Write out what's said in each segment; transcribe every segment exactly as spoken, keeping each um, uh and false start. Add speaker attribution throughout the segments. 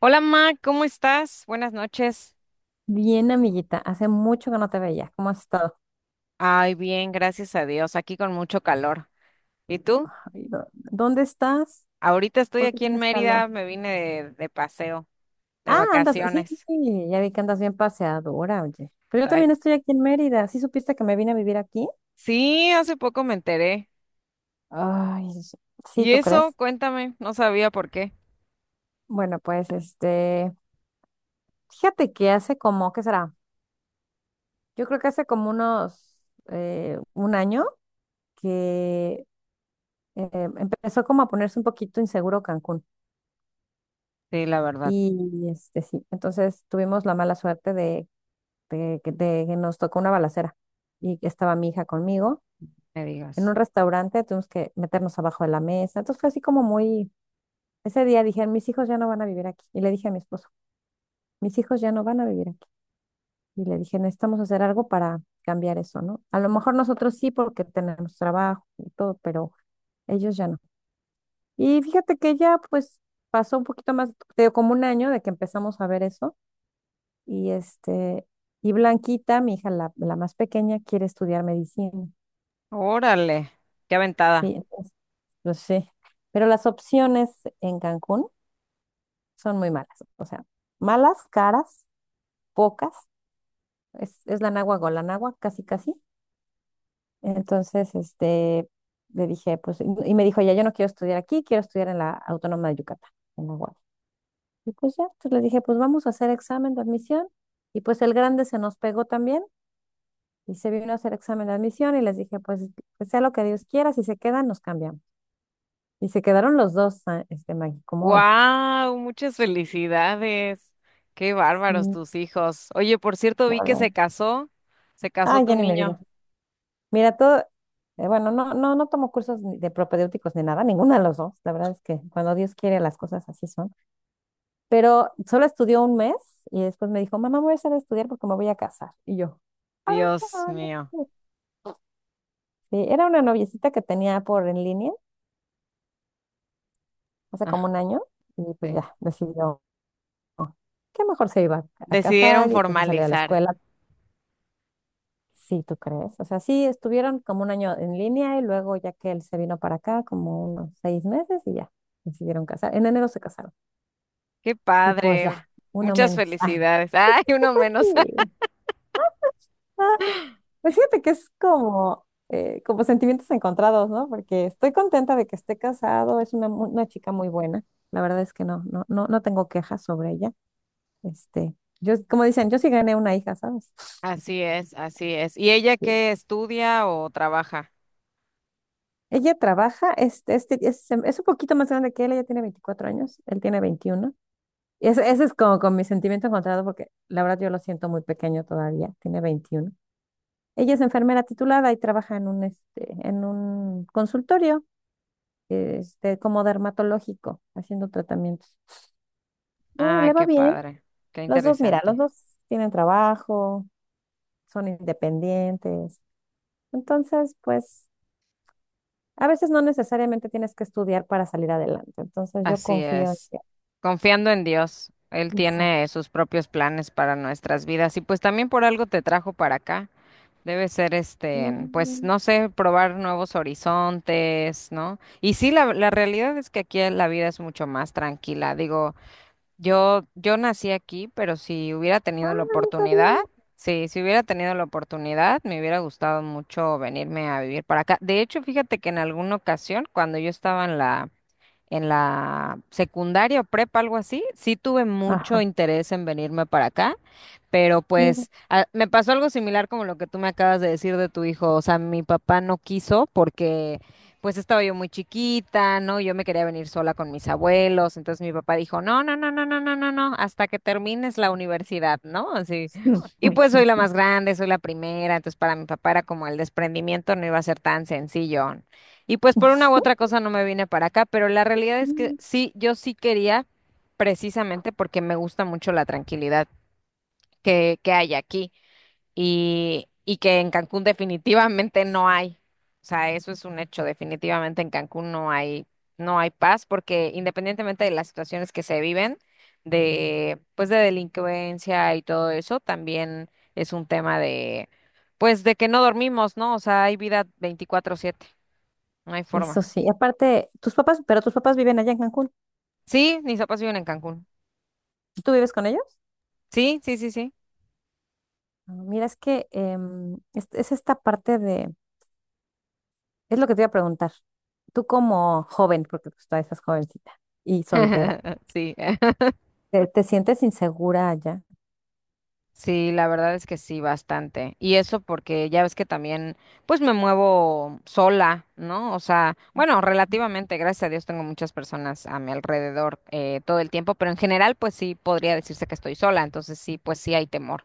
Speaker 1: Hola, Ma, ¿cómo estás? Buenas noches.
Speaker 2: Bien, amiguita, hace mucho que no te veía. ¿Cómo has estado?
Speaker 1: Ay, bien, gracias a Dios, aquí con mucho calor. ¿Y tú?
Speaker 2: Ay, do- ¿Dónde estás?
Speaker 1: Ahorita estoy
Speaker 2: ¿Por qué
Speaker 1: aquí en
Speaker 2: tienes calor?
Speaker 1: Mérida, me vine de, de paseo, de
Speaker 2: Ah, andas, sí,
Speaker 1: vacaciones.
Speaker 2: sí, ya vi que andas bien paseadora, oye. Pero yo
Speaker 1: Ay,
Speaker 2: también estoy aquí en Mérida. ¿Sí supiste que me vine a vivir aquí?
Speaker 1: sí, hace poco me enteré.
Speaker 2: Ay, sí, sí,
Speaker 1: ¿Y
Speaker 2: ¿tú
Speaker 1: eso?
Speaker 2: crees?
Speaker 1: Cuéntame, no sabía por qué.
Speaker 2: Bueno, pues este, fíjate que hace como, ¿qué será? Yo creo que hace como unos, eh, un año que eh, empezó como a ponerse un poquito inseguro Cancún.
Speaker 1: Sí, la verdad,
Speaker 2: Y este, sí, entonces tuvimos la mala suerte de de, que de que nos tocó una balacera y que estaba mi hija conmigo
Speaker 1: me
Speaker 2: en
Speaker 1: digas.
Speaker 2: un restaurante, tuvimos que meternos abajo de la mesa. Entonces fue así como muy, ese día dije, mis hijos ya no van a vivir aquí. Y le dije a mi esposo, mis hijos ya no van a vivir aquí. Y le dije, necesitamos hacer algo para cambiar eso, ¿no? A lo mejor nosotros sí porque tenemos trabajo y todo, pero ellos ya no. Y fíjate que ya pues pasó un poquito más, te digo, como un año de que empezamos a ver eso. Y este, y Blanquita, mi hija, la, la más pequeña, quiere estudiar medicina.
Speaker 1: Órale, qué aventada.
Speaker 2: Sí, entonces, lo sé. Pero las opciones en Cancún son muy malas. O sea, malas, caras, pocas. Es, es la náhuatl, la náhuatl, casi, casi. Entonces, este, le dije, pues, y y me dijo, ya, yo no quiero estudiar aquí, quiero estudiar en la Autónoma de Yucatán, en la U A D. Y pues ya, entonces le dije, pues vamos a hacer examen de admisión. Y pues el grande se nos pegó también y se vino a hacer examen de admisión y les dije, pues, que sea lo que Dios quiera, si se quedan, nos cambiamos. Y se quedaron los dos, ah, este, Maggie, ¿cómo ves?
Speaker 1: ¡Wow! Muchas felicidades. Qué bárbaros
Speaker 2: Sí,
Speaker 1: tus hijos. Oye, por cierto,
Speaker 2: la
Speaker 1: vi que
Speaker 2: verdad.
Speaker 1: se casó, se casó
Speaker 2: Ah,
Speaker 1: tu
Speaker 2: ya ni me digas.
Speaker 1: niño.
Speaker 2: Mira, todo, eh, bueno, no, no, no tomo cursos ni de propedéuticos ni nada, ninguna de los dos. La verdad es que cuando Dios quiere las cosas así son. Pero solo estudió un mes y después me dijo, mamá, me voy a hacer de estudiar porque me voy a casar. Y yo, ah,
Speaker 1: Dios
Speaker 2: no
Speaker 1: mío.
Speaker 2: sé". Sí, era una noviecita que tenía por en línea hace como un año y pues
Speaker 1: Sí.
Speaker 2: ya decidió que mejor se iba a
Speaker 1: Decidieron
Speaker 2: casar y pues se salió de la
Speaker 1: formalizar.
Speaker 2: escuela. Sí, ¿tú crees? O sea, sí, estuvieron como un año en línea y luego ya que él se vino para acá, como unos seis meses y ya, decidieron casar. En enero se casaron.
Speaker 1: Qué
Speaker 2: Y pues ya,
Speaker 1: padre.
Speaker 2: uno
Speaker 1: Muchas
Speaker 2: menos. Ay,
Speaker 1: felicidades. Ay, uno
Speaker 2: pues
Speaker 1: menos.
Speaker 2: sí. Ah, pues fíjate que es como, eh, como sentimientos encontrados, ¿no? Porque estoy contenta de que esté casado, es una, mu- una chica muy buena. La verdad es que no, no, no, no tengo quejas sobre ella. Este, yo, como dicen, yo sí gané una hija, ¿sabes?
Speaker 1: Así es, así es. ¿Y ella qué estudia o trabaja?
Speaker 2: Ella trabaja, este, este, es, es un poquito más grande que él, ella tiene veinticuatro años, él tiene veintiuno. Y ese, ese es como con mi sentimiento encontrado porque la verdad yo lo siento muy pequeño todavía, tiene veintiuno. Ella es enfermera titulada y trabaja en un, este, en un consultorio, este, como dermatológico, haciendo tratamientos. Eh,
Speaker 1: Ah,
Speaker 2: le va
Speaker 1: qué
Speaker 2: bien.
Speaker 1: padre. Qué
Speaker 2: Los dos, mira, los
Speaker 1: interesante.
Speaker 2: dos tienen trabajo, son independientes. Entonces, pues, a veces no necesariamente tienes que estudiar para salir adelante. Entonces, yo
Speaker 1: Así
Speaker 2: confío.
Speaker 1: es. Confiando en Dios. Él
Speaker 2: Exacto.
Speaker 1: tiene sus propios planes para nuestras vidas y pues también por algo te trajo para acá. Debe ser este, pues
Speaker 2: Mm,
Speaker 1: no sé, probar nuevos horizontes, ¿no? Y sí, la, la realidad es que aquí la vida es mucho más tranquila. Digo, Yo, yo nací aquí, pero si hubiera tenido la
Speaker 2: ah, no
Speaker 1: oportunidad,
Speaker 2: sabía.
Speaker 1: sí, si hubiera tenido la oportunidad, me hubiera gustado mucho venirme a vivir para acá. De hecho, fíjate que en alguna ocasión, cuando yo estaba en la, en la secundaria o prepa, algo así, sí tuve mucho
Speaker 2: Ajá,
Speaker 1: interés en venirme para acá. Pero
Speaker 2: mira.
Speaker 1: pues a- me pasó algo similar como lo que tú me acabas de decir de tu hijo. O sea, mi papá no quiso porque pues estaba yo muy chiquita, ¿no? Yo me quería venir sola con mis abuelos. Entonces mi papá dijo, no, no, no, no, no, no, no, no, hasta que termines la universidad, ¿no? Así. Y pues soy la más grande, soy la primera. Entonces para mi papá era como el desprendimiento no iba a ser tan sencillo. Y pues por una u otra cosa no me vine para acá, pero la realidad es que
Speaker 2: Mm.
Speaker 1: sí, yo sí quería precisamente porque me gusta mucho la tranquilidad que, que hay aquí y, y que en Cancún definitivamente no hay. O sea, eso es un hecho, definitivamente en Cancún no hay, no hay paz porque independientemente de las situaciones que se viven, de, pues de delincuencia y todo eso, también es un tema de, pues de que no dormimos, ¿no? O sea, hay vida veinticuatro siete, no hay
Speaker 2: Eso
Speaker 1: forma.
Speaker 2: sí, aparte, tus papás, pero tus papás viven allá en Cancún.
Speaker 1: Sí, mis papás viven en Cancún.
Speaker 2: ¿Tú vives con ellos?
Speaker 1: Sí, sí, sí, sí.
Speaker 2: Ah, mira, es que em, es, es esta parte de, es lo que te iba a preguntar. Tú como joven, porque pues todavía estás jovencita y soltera,
Speaker 1: Sí.
Speaker 2: ¿te, te sientes insegura allá?
Speaker 1: Sí, la verdad es que sí, bastante. Y eso porque ya ves que también, pues me muevo sola, ¿no? O sea, bueno, relativamente, gracias a Dios, tengo muchas personas a mi alrededor eh, todo el tiempo, pero en general, pues sí, podría decirse que estoy sola, entonces sí, pues sí hay temor.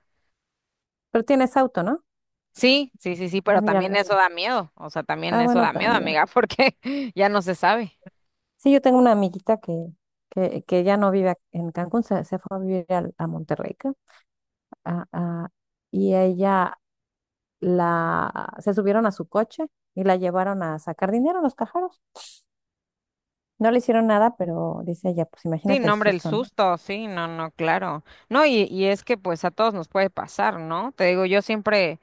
Speaker 2: Pero tienes auto, ¿no?
Speaker 1: Sí, sí, sí, sí, pero
Speaker 2: Ah, mira, al
Speaker 1: también
Speaker 2: menos.
Speaker 1: eso da miedo, o sea, también
Speaker 2: Ah,
Speaker 1: eso
Speaker 2: bueno,
Speaker 1: da miedo,
Speaker 2: también.
Speaker 1: amiga, porque ya no se sabe.
Speaker 2: Sí, yo tengo una amiguita que, que, que ya no vive ac- en Cancún, se, se fue a vivir al- a Monterrey. Ah, ah, y ella la se subieron a su coche y la llevaron a sacar dinero a los cajeros. No le hicieron nada, pero dice ella, pues
Speaker 1: Sí,
Speaker 2: imagínate
Speaker 1: no,
Speaker 2: el
Speaker 1: hombre, el
Speaker 2: susto, ¿no?
Speaker 1: susto, sí, no, no, claro. No, y, y es que pues a todos nos puede pasar, ¿no? Te digo, yo siempre...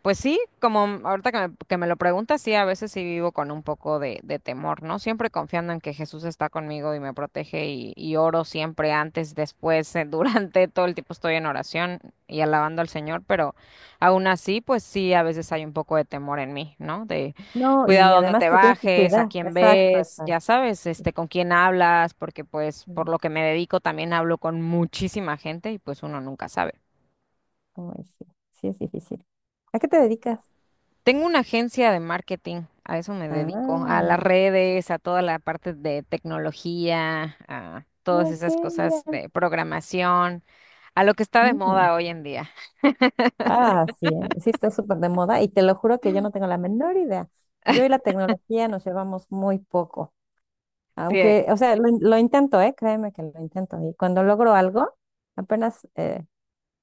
Speaker 1: Pues sí, como m- ahorita que me, que me lo preguntas, sí, a veces sí vivo con un poco de, de temor, ¿no? Siempre confiando en que Jesús está conmigo y me protege y, y oro siempre antes, después, eh, durante todo el tiempo estoy en oración y alabando al Señor, pero aún así, pues sí, a veces hay un poco de temor en mí, ¿no? De
Speaker 2: No, y
Speaker 1: cuidado donde
Speaker 2: además
Speaker 1: te
Speaker 2: te tienes que
Speaker 1: bajes, a
Speaker 2: cuidar.
Speaker 1: quién
Speaker 2: Exacto,
Speaker 1: ves,
Speaker 2: exacto.
Speaker 1: ya sabes, este, con quién hablas, porque pues
Speaker 2: Sí,
Speaker 1: por lo que me dedico también hablo con muchísima gente y pues uno nunca sabe.
Speaker 2: como es, sí, sí es difícil. ¿A qué te dedicas?
Speaker 1: Tengo una agencia de marketing, a eso me dedico, a las
Speaker 2: Ah,
Speaker 1: redes, a toda la parte de tecnología, a todas
Speaker 2: ok,
Speaker 1: esas cosas
Speaker 2: mira.
Speaker 1: de programación, a lo que está de
Speaker 2: Mm.
Speaker 1: moda hoy en día.
Speaker 2: Ah, sí, eh, sí está súper de moda y te lo juro que yo no tengo la menor idea. Yo y la tecnología nos llevamos muy poco.
Speaker 1: Sí,
Speaker 2: Aunque, o sea, lo, in- lo intento, ¿eh? Créeme que lo intento. Y cuando logro algo, apenas eh,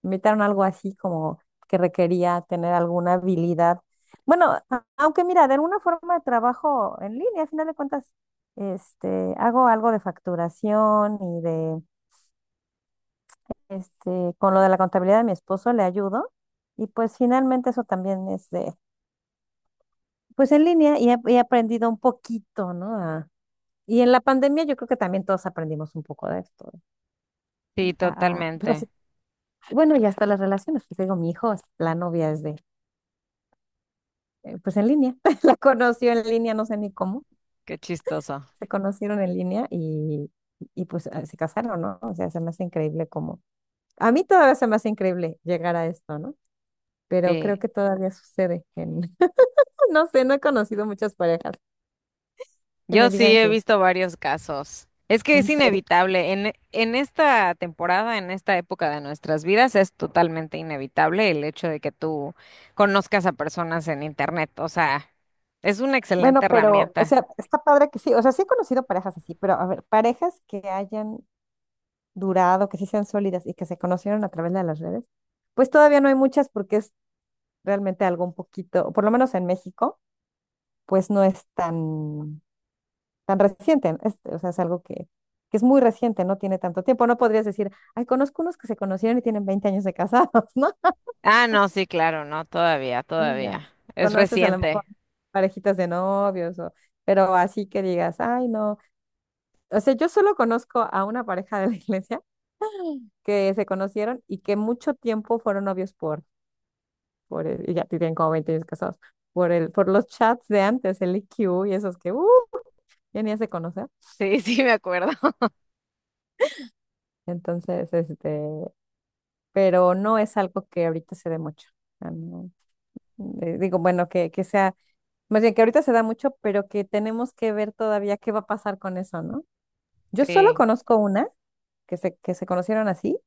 Speaker 2: me invitaron a algo así como que requería tener alguna habilidad. Bueno, a- aunque mira, de alguna forma trabajo en línea, a final de cuentas, este, hago algo de facturación y de, este, con lo de la contabilidad de mi esposo le ayudo. Y pues finalmente eso también es de, pues en línea y he, he aprendido un poquito, ¿no? A- y en la pandemia yo creo que también todos aprendimos un poco de esto.
Speaker 1: sí,
Speaker 2: a- a- pues así-
Speaker 1: totalmente.
Speaker 2: bueno, y hasta las relaciones, pues digo, mi hijo, la novia es de, eh, pues en línea, la conoció en línea, no sé ni cómo,
Speaker 1: Qué chistoso.
Speaker 2: se conocieron en línea y, y pues eh, se casaron, ¿no? O sea, se me hace increíble como, a mí todavía se me hace increíble llegar a esto, ¿no? Pero creo
Speaker 1: Sí,
Speaker 2: que todavía sucede en, no sé, no he conocido muchas parejas que
Speaker 1: yo
Speaker 2: me
Speaker 1: sí
Speaker 2: digan
Speaker 1: he
Speaker 2: que,
Speaker 1: visto varios casos. Es que
Speaker 2: en
Speaker 1: es
Speaker 2: serio.
Speaker 1: inevitable. En, en esta temporada, en esta época de nuestras vidas, es totalmente inevitable el hecho de que tú conozcas a personas en internet. O sea, es una
Speaker 2: Bueno,
Speaker 1: excelente
Speaker 2: pero, o
Speaker 1: herramienta.
Speaker 2: sea, está padre que sí, o sea, sí he conocido parejas así, pero a ver, parejas que hayan durado, que sí sean sólidas y que se conocieron a través de las redes, pues todavía no hay muchas porque es realmente algo un poquito, o por lo menos en México, pues no es tan, tan reciente, es- o sea, es algo que, que es muy reciente, no tiene tanto tiempo, no podrías decir, ay, conozco unos que se conocieron y tienen veinte años de casados, ¿no?
Speaker 1: Ah, no, sí, claro, no, todavía,
Speaker 2: Ah, ya,
Speaker 1: todavía. Es
Speaker 2: conoces a lo mejor
Speaker 1: reciente.
Speaker 2: parejitas de novios, o, pero así que digas, ay, no, o sea, yo solo conozco a una pareja de la iglesia que se conocieron y que mucho tiempo fueron novios por por el- y ya tienen como veinte años casados, por el, por los chats de antes, el i q y esos que, uh, ya ni se conocer.
Speaker 1: Sí, sí, me acuerdo.
Speaker 2: Entonces, este, pero no es algo que ahorita se dé mucho. Ah, no. Eh, digo, bueno, que, que sea, más bien que ahorita se da mucho, pero que tenemos que ver todavía qué va a pasar con eso, ¿no? Yo solo
Speaker 1: Sí.
Speaker 2: conozco una que se, que se conocieron así,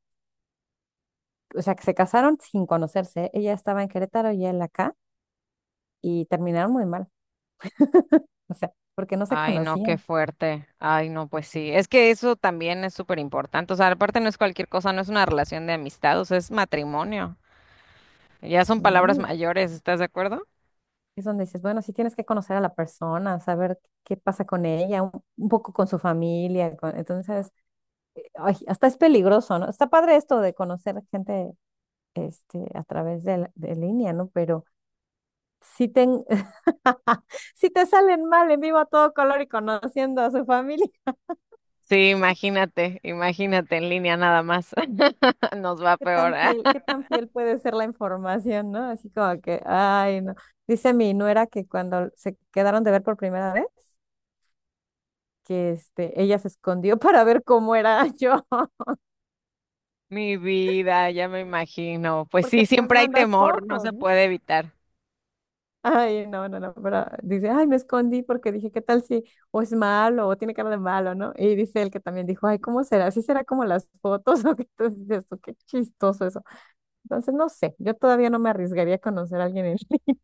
Speaker 2: o sea, que se casaron sin conocerse. Ella estaba en Querétaro y él acá, y terminaron muy mal, o sea, porque no se
Speaker 1: Ay, no, qué
Speaker 2: conocían.
Speaker 1: fuerte. Ay, no, pues sí. Es que eso también es súper importante. O sea, aparte no es cualquier cosa, no es una relación de amistad, o sea, es matrimonio. Ya son palabras
Speaker 2: Mm.
Speaker 1: mayores, ¿estás de acuerdo?
Speaker 2: Es donde dices, bueno, sí tienes que conocer a la persona, saber qué pasa con ella, un, un poco con su familia. con- entonces, ay, hasta es peligroso, ¿no? Está padre esto de conocer gente este, a través de, la- de línea, ¿no? Pero si te, si te salen mal en vivo a todo color y conociendo a su familia,
Speaker 1: Sí, imagínate, imagínate en línea nada más. Nos va
Speaker 2: ¿qué
Speaker 1: peor.
Speaker 2: tan fiel, qué
Speaker 1: ah.
Speaker 2: tan fiel puede ser la información, ¿no? Así como que, ay, no. Dice mi nuera que cuando se quedaron de ver por primera vez, que este, ella se escondió para ver cómo era yo,
Speaker 1: Mi vida, ya me imagino. Pues
Speaker 2: porque
Speaker 1: sí,
Speaker 2: pues
Speaker 1: siempre hay
Speaker 2: mandas
Speaker 1: temor, no
Speaker 2: fotos,
Speaker 1: se
Speaker 2: ¿no?
Speaker 1: puede evitar.
Speaker 2: Ay, no, no, no, pero dice, ay, me escondí porque dije, ¿qué tal si o es malo o tiene cara de malo, ¿no? Y dice él que también dijo, ay, ¿cómo será? ¿Sí será como las fotos o qué? Entonces dices tú, qué chistoso eso. Entonces, no sé, yo todavía no me arriesgaría a conocer a alguien en línea.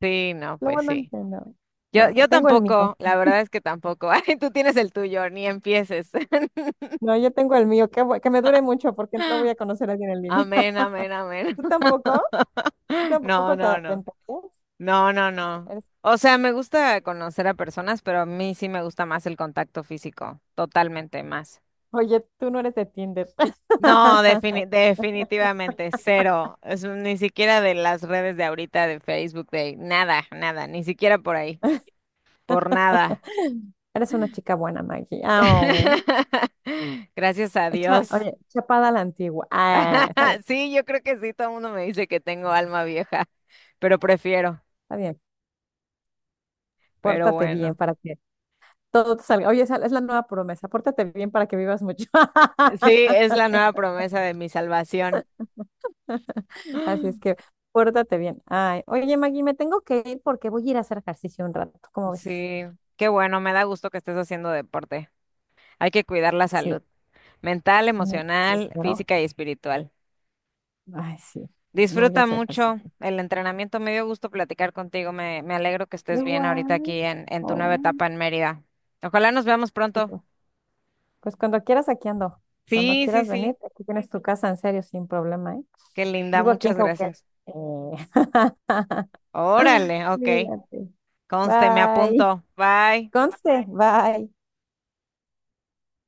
Speaker 1: Sí, no,
Speaker 2: Lo
Speaker 1: pues
Speaker 2: bueno es
Speaker 1: sí.
Speaker 2: que no,
Speaker 1: Yo,
Speaker 2: no,
Speaker 1: yo
Speaker 2: tengo el mío.
Speaker 1: tampoco, la verdad es que tampoco. Ay, tú tienes el tuyo, ni empieces.
Speaker 2: No, yo tengo el mío, que, bu- que me dure mucho porque no voy a conocer a alguien en línea.
Speaker 1: Amén, amén, amén.
Speaker 2: ¿Tú tampoco? ¿Tú
Speaker 1: No,
Speaker 2: tampoco te
Speaker 1: no, no.
Speaker 2: aventarías?
Speaker 1: No, no, no.
Speaker 2: Eres-
Speaker 1: O sea, me gusta conocer a personas, pero a mí sí me gusta más el contacto físico, totalmente más.
Speaker 2: Oye, tú no eres de Tinder.
Speaker 1: No, defini- definitivamente cero. Es un- ni siquiera de las redes de ahorita, de Facebook, de nada, nada, ni siquiera por ahí, por nada.
Speaker 2: Eres una chica buena, Maggie. Ah,
Speaker 1: Gracias a
Speaker 2: echa,
Speaker 1: Dios.
Speaker 2: oye, chapada a la antigua. Ah, está bien,
Speaker 1: Sí, yo creo que sí, todo el mundo me dice que tengo alma vieja, pero prefiero,
Speaker 2: está bien.
Speaker 1: pero
Speaker 2: Pórtate bien
Speaker 1: bueno.
Speaker 2: para que todo te salga. Oye, esa es la nueva promesa. Pórtate bien para que vivas mucho.
Speaker 1: Sí, es la nueva promesa de mi salvación.
Speaker 2: Así es que pórtate bien. Ay, oye, Maggie, me tengo que ir porque voy a ir a hacer ejercicio un rato. ¿Cómo ves?
Speaker 1: Sí, qué bueno, me da gusto que estés haciendo deporte. Hay que cuidar la
Speaker 2: Sí,
Speaker 1: salud mental,
Speaker 2: me, sí,
Speaker 1: emocional,
Speaker 2: claro.
Speaker 1: física y espiritual.
Speaker 2: Ay, sí, me voy a
Speaker 1: Disfruta
Speaker 2: hacer
Speaker 1: mucho
Speaker 2: ejercicio.
Speaker 1: el entrenamiento, me dio gusto platicar contigo, me, me alegro que estés bien ahorita aquí
Speaker 2: Igual.
Speaker 1: en, en tu nueva
Speaker 2: Oh,
Speaker 1: etapa en Mérida. Ojalá nos veamos pronto.
Speaker 2: súper. Pues cuando quieras, aquí ando. Cuando
Speaker 1: Sí, sí,
Speaker 2: quieras venir,
Speaker 1: sí,
Speaker 2: aquí tienes tu casa, en serio, sin problema, ¿eh?
Speaker 1: qué linda,
Speaker 2: Vivo aquí en
Speaker 1: muchas
Speaker 2: Cauquel.
Speaker 1: gracias.
Speaker 2: Eh,
Speaker 1: Órale, ok.
Speaker 2: Cuídate.
Speaker 1: Conste, me
Speaker 2: Bye.
Speaker 1: apunto. Bye.
Speaker 2: Conste, bye.